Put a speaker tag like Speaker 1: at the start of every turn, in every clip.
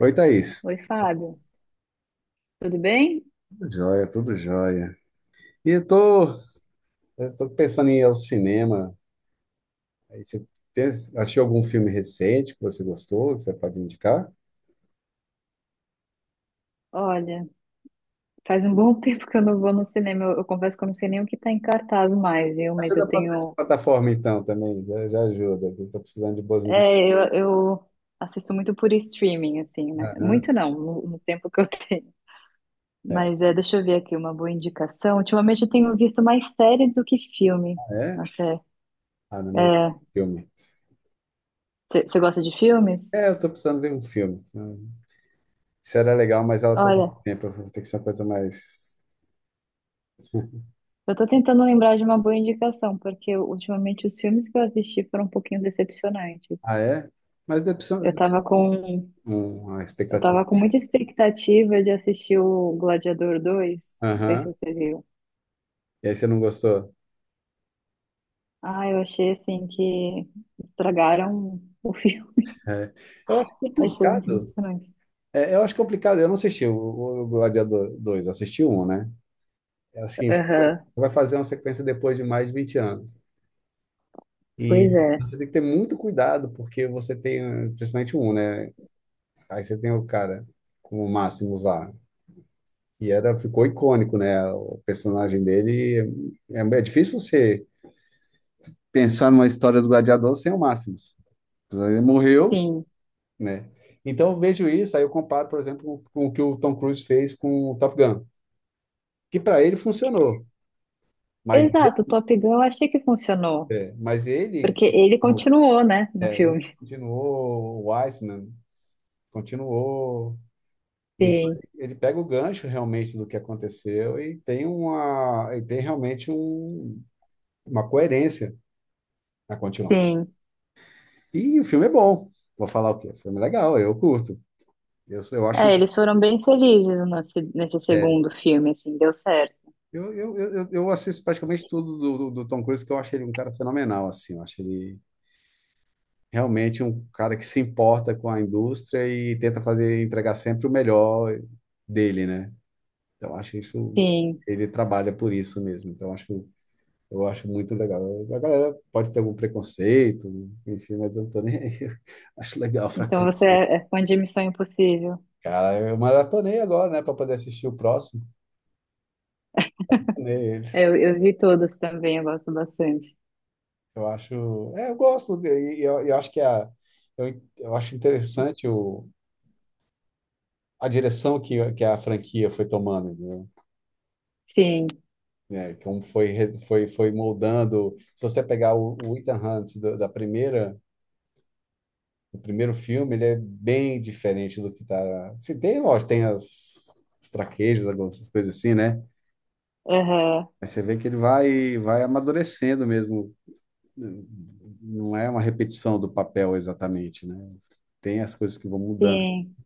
Speaker 1: Oi, Thaís.
Speaker 2: Oi, Fábio. Tudo bem?
Speaker 1: Tudo jóia, tudo jóia. E eu tô pensando em ir ao cinema. Aí você assistiu algum filme recente que você gostou, que você pode indicar?
Speaker 2: Olha, faz um bom tempo que eu não vou no cinema. Eu confesso que eu não sei nem o que tá em cartaz mais, viu?
Speaker 1: Ah, você
Speaker 2: Mas
Speaker 1: é da
Speaker 2: eu tenho.
Speaker 1: plataforma, então, também, já ajuda. Eu tô precisando de boas indicações.
Speaker 2: É, eu assisto muito por streaming, assim, né? Muito não, no tempo que eu tenho.
Speaker 1: É.
Speaker 2: Mas é, deixa eu ver aqui uma boa indicação. Ultimamente eu tenho visto mais séries do que filme.
Speaker 1: Ah, é?
Speaker 2: Até.
Speaker 1: Ah, não, mas é
Speaker 2: É,
Speaker 1: filme.
Speaker 2: você gosta de filmes?
Speaker 1: É, eu tô precisando de um filme. Hum. Isso era legal, mas ela toma
Speaker 2: Olha,
Speaker 1: muito tempo. Tem que ser uma coisa mais...
Speaker 2: eu tô tentando lembrar de uma boa indicação, porque ultimamente os filmes que eu assisti foram um pouquinho decepcionantes.
Speaker 1: Ah, é? Mas decepção...
Speaker 2: Eu tava com
Speaker 1: A
Speaker 2: Eu
Speaker 1: expectativa.
Speaker 2: tava com muita expectativa de assistir o Gladiador dois. Não sei se
Speaker 1: Aham.
Speaker 2: você viu.
Speaker 1: E aí você não gostou?
Speaker 2: Ah, eu achei assim que estragaram o filme.
Speaker 1: É. Eu acho
Speaker 2: Achei muito
Speaker 1: complicado.
Speaker 2: decepcionante.
Speaker 1: É, eu acho complicado. Eu não assisti o Gladiador 2, assisti um, né? É assim,
Speaker 2: Aham.
Speaker 1: vai fazer uma sequência depois de mais de 20 anos.
Speaker 2: Pois
Speaker 1: E
Speaker 2: é.
Speaker 1: você tem que ter muito cuidado, porque você tem, principalmente um, né? Aí você tem o cara com o Máximos lá, que era, ficou icônico, né? O personagem dele. É difícil você pensar numa história do Gladiador sem o Máximos. Ele morreu,
Speaker 2: Sim.
Speaker 1: né? Então eu vejo isso, aí eu comparo, por exemplo, com o que o Tom Cruise fez com o Top Gun, que para ele funcionou. Mas,
Speaker 2: Exato, o Top Gun eu achei que funcionou.
Speaker 1: é, mas ele
Speaker 2: Porque ele
Speaker 1: continuou,
Speaker 2: continuou, né, no filme.
Speaker 1: continuou, o Weissman continuou. Então,
Speaker 2: Sim,
Speaker 1: ele pega o gancho realmente do que aconteceu e tem uma, e tem realmente um, uma coerência na continuação.
Speaker 2: sim.
Speaker 1: E o filme é bom. Vou falar o quê? O filme é legal, eu curto. Eu acho.
Speaker 2: É, eles foram bem felizes nesse, nesse
Speaker 1: É,
Speaker 2: segundo filme, assim, deu certo.
Speaker 1: eu assisto praticamente tudo do Tom Cruise, que eu acho ele um cara fenomenal, assim. Eu acho ele realmente um cara que se importa com a indústria e tenta fazer entregar sempre o melhor dele, né? Então acho isso
Speaker 2: Sim.
Speaker 1: ele trabalha por isso mesmo. Então acho eu acho muito legal. A galera pode ter algum preconceito, enfim, mas eu não tô nem aí. Acho legal pra
Speaker 2: Então
Speaker 1: caralho.
Speaker 2: você é fã de Missão Impossível.
Speaker 1: Cara, eu maratonei agora, né, para poder assistir o próximo.
Speaker 2: É,
Speaker 1: Neles.
Speaker 2: eu vi todas também, eu gosto bastante.
Speaker 1: Eu acho, é, eu gosto e eu acho que é a eu acho interessante o, a direção que a franquia foi tomando, né?
Speaker 2: Sim.
Speaker 1: Né, que um foi, foi, foi moldando. Se você pegar o Ethan Hunt da primeira, do primeiro filme, ele é bem diferente do que tá. Se tem, lógico, tem as, os traquejos, algumas coisas assim, né?
Speaker 2: Aham,
Speaker 1: Mas você vê que ele vai amadurecendo mesmo. Não é uma repetição do papel exatamente, né? Tem as coisas que vão mudando,
Speaker 2: sim.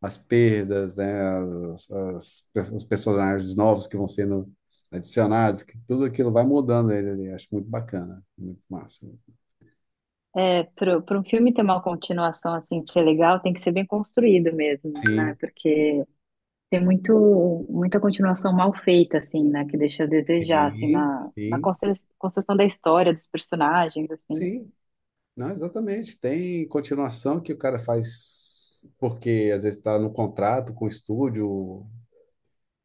Speaker 1: as perdas, né, os personagens novos que vão sendo adicionados, que tudo aquilo vai mudando ele ali. Acho muito bacana, muito massa.
Speaker 2: É, para um filme ter uma continuação assim de ser legal, tem que ser bem construído mesmo, né?
Speaker 1: Sim,
Speaker 2: Porque tem muito, muita continuação mal feita, assim, né? Que deixa a desejar, assim,
Speaker 1: sim,
Speaker 2: na, na
Speaker 1: sim,
Speaker 2: construção da história, dos personagens, assim.
Speaker 1: sim. Não, exatamente. Tem continuação que o cara faz porque às vezes está no contrato com o estúdio,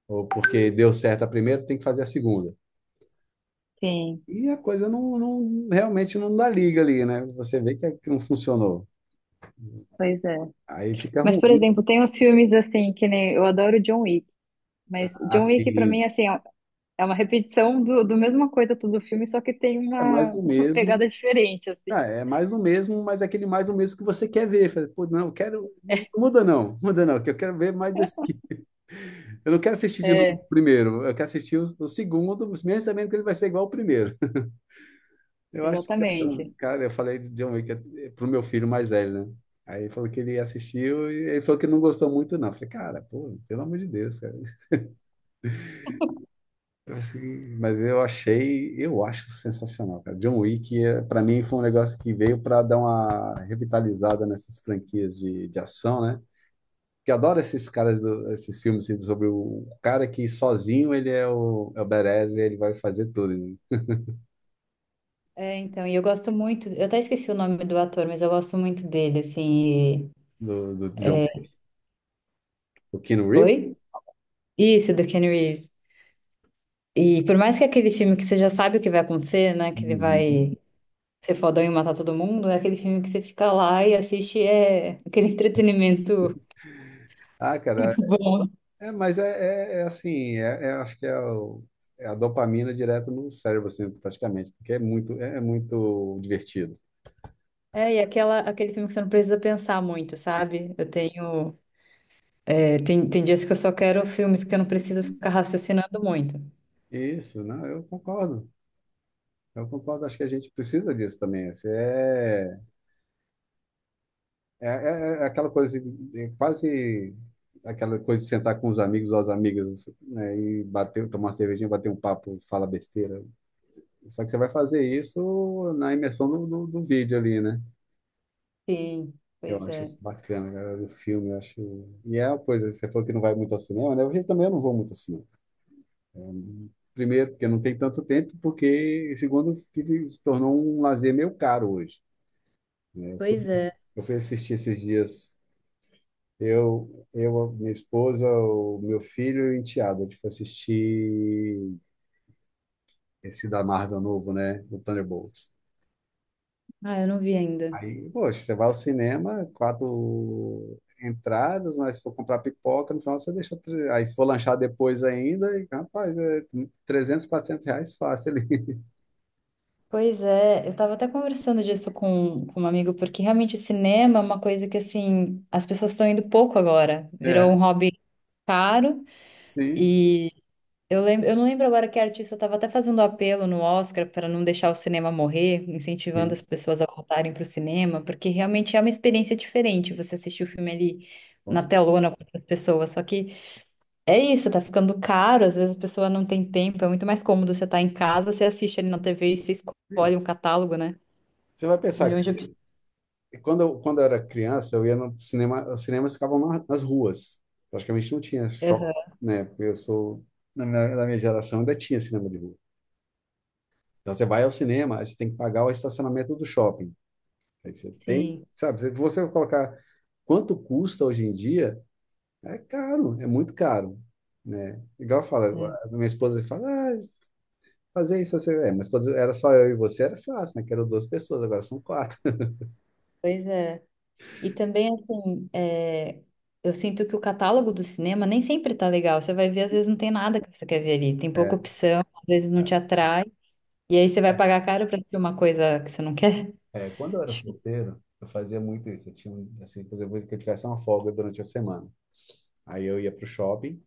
Speaker 1: ou porque deu certo a primeira, tem que fazer a segunda.
Speaker 2: Sim,
Speaker 1: E a coisa realmente não dá liga ali, né? Você vê que, é que não funcionou.
Speaker 2: pois é.
Speaker 1: Aí fica
Speaker 2: Mas, por
Speaker 1: ruim,
Speaker 2: exemplo, tem uns filmes assim, que nem eu adoro John Wick, mas John Wick, pra mim,
Speaker 1: assim,
Speaker 2: assim, é uma repetição do, do mesma coisa todo filme, só que tem
Speaker 1: é mais
Speaker 2: uma,
Speaker 1: do
Speaker 2: uma pegada
Speaker 1: mesmo.
Speaker 2: diferente, assim.
Speaker 1: Ah, é mais do mesmo, mas é aquele mais do mesmo que você quer ver. Fala, pô, não, eu quero. Não muda não, muda não, que eu quero ver mais desse aqui. Eu não quero assistir de novo o
Speaker 2: É,
Speaker 1: primeiro, eu quero assistir o segundo, mesmo sabendo que ele vai ser igual ao primeiro. Eu acho que, então,
Speaker 2: exatamente.
Speaker 1: cara, eu falei de John Wick pro meu filho mais velho, né? Aí ele falou que ele assistiu e ele falou que não gostou muito, não. Eu falei, cara, pô, pelo amor de Deus, cara. Eu assim, mas eu achei, eu acho sensacional, cara. John Wick, é, para mim, foi um negócio que veio para dar uma revitalizada nessas franquias de ação, né? Que eu adoro esses caras, esses filmes assim, sobre o cara que sozinho ele é o, é o badass e ele vai fazer tudo, né?
Speaker 2: É, então, e eu gosto muito, eu até esqueci o nome do ator, mas eu gosto muito dele, assim. E-
Speaker 1: Do John Wick. O Keanu Reeves?
Speaker 2: Oi? Isso, do Keanu Reeves. E por mais que aquele filme que você já sabe o que vai acontecer, né? Que ele
Speaker 1: Uhum.
Speaker 2: vai ser fodão e matar todo mundo, é aquele filme que você fica lá e assiste, é aquele entretenimento
Speaker 1: Ah, cara,
Speaker 2: bom.
Speaker 1: é, mas é, é assim, é, acho que é, é a dopamina direto no cérebro, assim, praticamente, porque é muito, é muito divertido.
Speaker 2: É, e aquela, aquele filme que você não precisa pensar muito, sabe? Eu tenho. É, tem, tem dias que eu só quero filmes que eu não preciso ficar raciocinando muito.
Speaker 1: Isso, não, eu concordo. Eu concordo, acho que a gente precisa disso também. Assim, é, é, é aquela coisa, é quase aquela coisa de sentar com os amigos ou as amigas, né, e bater, tomar uma cervejinha, bater um papo, fala besteira. Só que você vai fazer isso na imersão do vídeo ali, né?
Speaker 2: Sim,
Speaker 1: Eu
Speaker 2: pois
Speaker 1: acho isso
Speaker 2: é.
Speaker 1: bacana, cara, do filme, eu acho. E é uma coisa, você falou que não vai muito ao cinema, né? Eu também não vou muito ao cinema. Primeiro, porque não tem tanto tempo, porque, segundo, que se tornou um lazer meio caro hoje, né?
Speaker 2: Pois é.
Speaker 1: Eu fui assistir esses dias. Eu, a minha esposa, o meu filho e o enteado. A gente foi assistir esse da Marvel novo, né? O Thunderbolts.
Speaker 2: Ah, eu não vi ainda.
Speaker 1: Aí, poxa, você vai ao cinema, quatro entradas, mas se for comprar pipoca, no final você deixa. Aí, se for lanchar depois ainda, e, rapaz, é 300, R$ 400 fácil ali.
Speaker 2: Pois é, eu tava até conversando disso com um amigo, porque realmente o cinema é uma coisa que, assim, as pessoas estão indo pouco agora. Virou
Speaker 1: É,
Speaker 2: um hobby caro
Speaker 1: sim,
Speaker 2: e eu lembro, eu não lembro agora que artista estava até fazendo apelo no Oscar para não deixar o cinema morrer, incentivando as
Speaker 1: sim,
Speaker 2: pessoas a voltarem para o cinema, porque realmente é uma experiência diferente você assistir o filme ali
Speaker 1: com
Speaker 2: na telona com outras pessoas. Só que é isso, tá ficando caro, às vezes a pessoa não tem tempo, é muito mais cômodo você estar em casa, você assiste ali na TV e você
Speaker 1: certeza.
Speaker 2: escolhe um catálogo, né?
Speaker 1: Você vai pensar que
Speaker 2: Milhões de opções.
Speaker 1: e quando eu, quando eu era criança, eu ia no cinema, os cinemas ficavam nas ruas. Praticamente não tinha shopping,
Speaker 2: Aham.
Speaker 1: né? Porque eu sou, na minha geração ainda tinha cinema de rua. Então você vai ao cinema, aí você tem que pagar o estacionamento do shopping. Aí você tem,
Speaker 2: Sim,
Speaker 1: sabe? Se você colocar quanto custa hoje em dia, é caro, é muito caro, né? Igual eu falo,
Speaker 2: é.
Speaker 1: a minha esposa fala, ah, fazer isso, você... É, mas quando era só eu e você era fácil, né? Que eram duas pessoas, agora são quatro.
Speaker 2: Pois é. E também, assim, é, eu sinto que o catálogo do cinema nem sempre tá legal. Você vai ver, às vezes não tem nada que você quer ver ali. Tem pouca
Speaker 1: É.
Speaker 2: opção, às vezes não te atrai. E aí você vai pagar caro pra assistir uma coisa que você não quer.
Speaker 1: É, quando eu era solteiro, eu fazia muito isso. Eu tinha, assim, por exemplo, que eu tivesse uma folga durante a semana. Aí eu ia pro shopping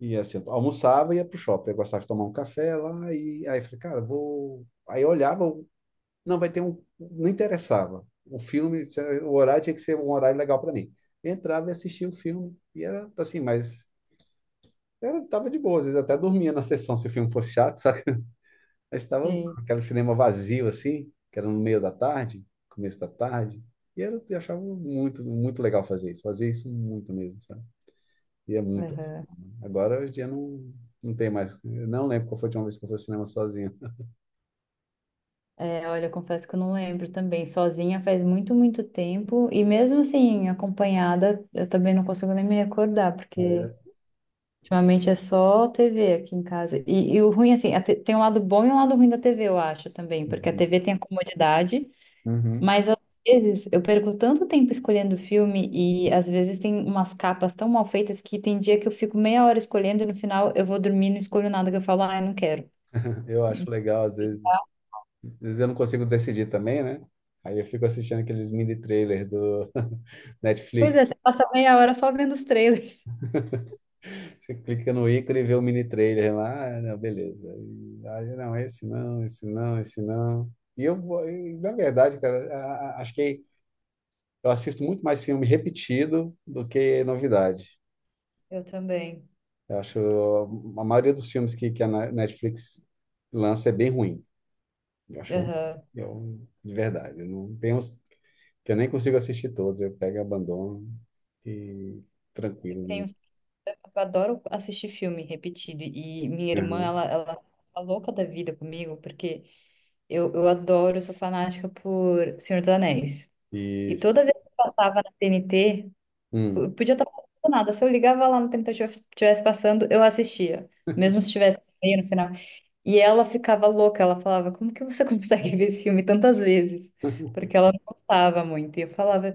Speaker 1: e, assim, eu almoçava e ia pro shopping. Eu gostava de tomar um café lá e aí eu falei, cara, vou... Aí eu olhava, não, vai ter um... Não interessava. O filme, o horário tinha que ser um horário legal para mim. Eu entrava e assistia o filme e era, assim, mas... Era, tava de boa, às vezes até dormia na sessão se o filme fosse chato, sabe? Aí estava
Speaker 2: Sim.
Speaker 1: aquele cinema vazio, assim, que era no meio da tarde, começo da tarde. E era, eu achava muito, muito legal fazer isso. Fazer isso muito mesmo, sabe? E é muito assim,
Speaker 2: Aham.
Speaker 1: né? Agora, hoje em dia, não, não tem mais. Eu não lembro qual foi a última vez que eu fui ao cinema sozinho.
Speaker 2: É, olha, eu confesso que eu não lembro também. Sozinha faz muito, muito tempo. E mesmo assim, acompanhada, eu também não consigo nem me recordar, porque
Speaker 1: É.
Speaker 2: ultimamente é só TV aqui em casa. E o ruim, assim, a tem um lado bom e um lado ruim da TV, eu acho também, porque a
Speaker 1: Uhum.
Speaker 2: TV tem a comodidade,
Speaker 1: Uhum.
Speaker 2: mas às vezes eu perco tanto tempo escolhendo filme e às vezes tem umas capas tão mal feitas que tem dia que eu fico meia hora escolhendo e no final eu vou dormir e não escolho nada, que eu falo, ah, eu não quero.
Speaker 1: Eu acho legal, às vezes eu não consigo decidir também, né? Aí eu fico assistindo aqueles mini trailers do
Speaker 2: Pois
Speaker 1: Netflix.
Speaker 2: é, você passa meia hora só vendo os trailers.
Speaker 1: Você clica no ícone e vê o mini trailer lá, ah, não, beleza. E, aí, não, esse não, esse não, esse não. E eu, e, na verdade, cara, acho que eu assisto muito mais filme repetido do que novidade.
Speaker 2: Eu também.
Speaker 1: Eu acho a maioria dos filmes que a Netflix lança é bem ruim. Eu acho ruim,
Speaker 2: Aham.
Speaker 1: eu, de verdade. Eu não tenho uns que eu nem consigo assistir todos. Eu pego e abandono e
Speaker 2: Eu
Speaker 1: tranquilo.
Speaker 2: tenho Eu adoro assistir filme repetido. E minha irmã,
Speaker 1: Uhum.
Speaker 2: ela tá louca da vida comigo, porque eu adoro, eu sou fanática por Senhor dos Anéis.
Speaker 1: E,
Speaker 2: E toda vez que eu passava na TNT, p-
Speaker 1: hum,
Speaker 2: podia estar passando nada. Se eu ligava lá no TNT, eu estivesse passando, eu assistia. Mesmo se tivesse meio no final. E ela ficava louca, ela falava, como que você consegue ver esse filme tantas vezes? Porque ela não gostava muito. E eu falava.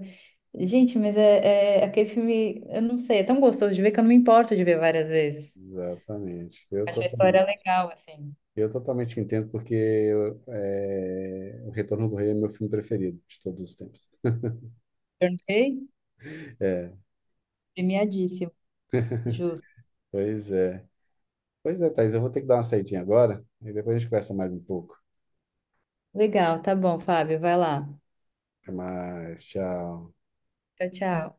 Speaker 2: Gente, mas é, é aquele filme, eu não sei, é tão gostoso de ver que eu não me importo de ver várias vezes.
Speaker 1: exatamente. Eu tô
Speaker 2: Acho a
Speaker 1: com
Speaker 2: história legal, assim.
Speaker 1: eu totalmente entendo, porque é, O Retorno do Rei é meu filme preferido de todos os tempos.
Speaker 2: Tornei
Speaker 1: É,
Speaker 2: premiadíssimo, justo.
Speaker 1: pois é. Pois é, Thaís, eu vou ter que dar uma saidinha agora, e depois a gente conversa mais um pouco.
Speaker 2: Legal, tá bom, Fábio, vai lá.
Speaker 1: Até mais, tchau.
Speaker 2: Tchau, tchau.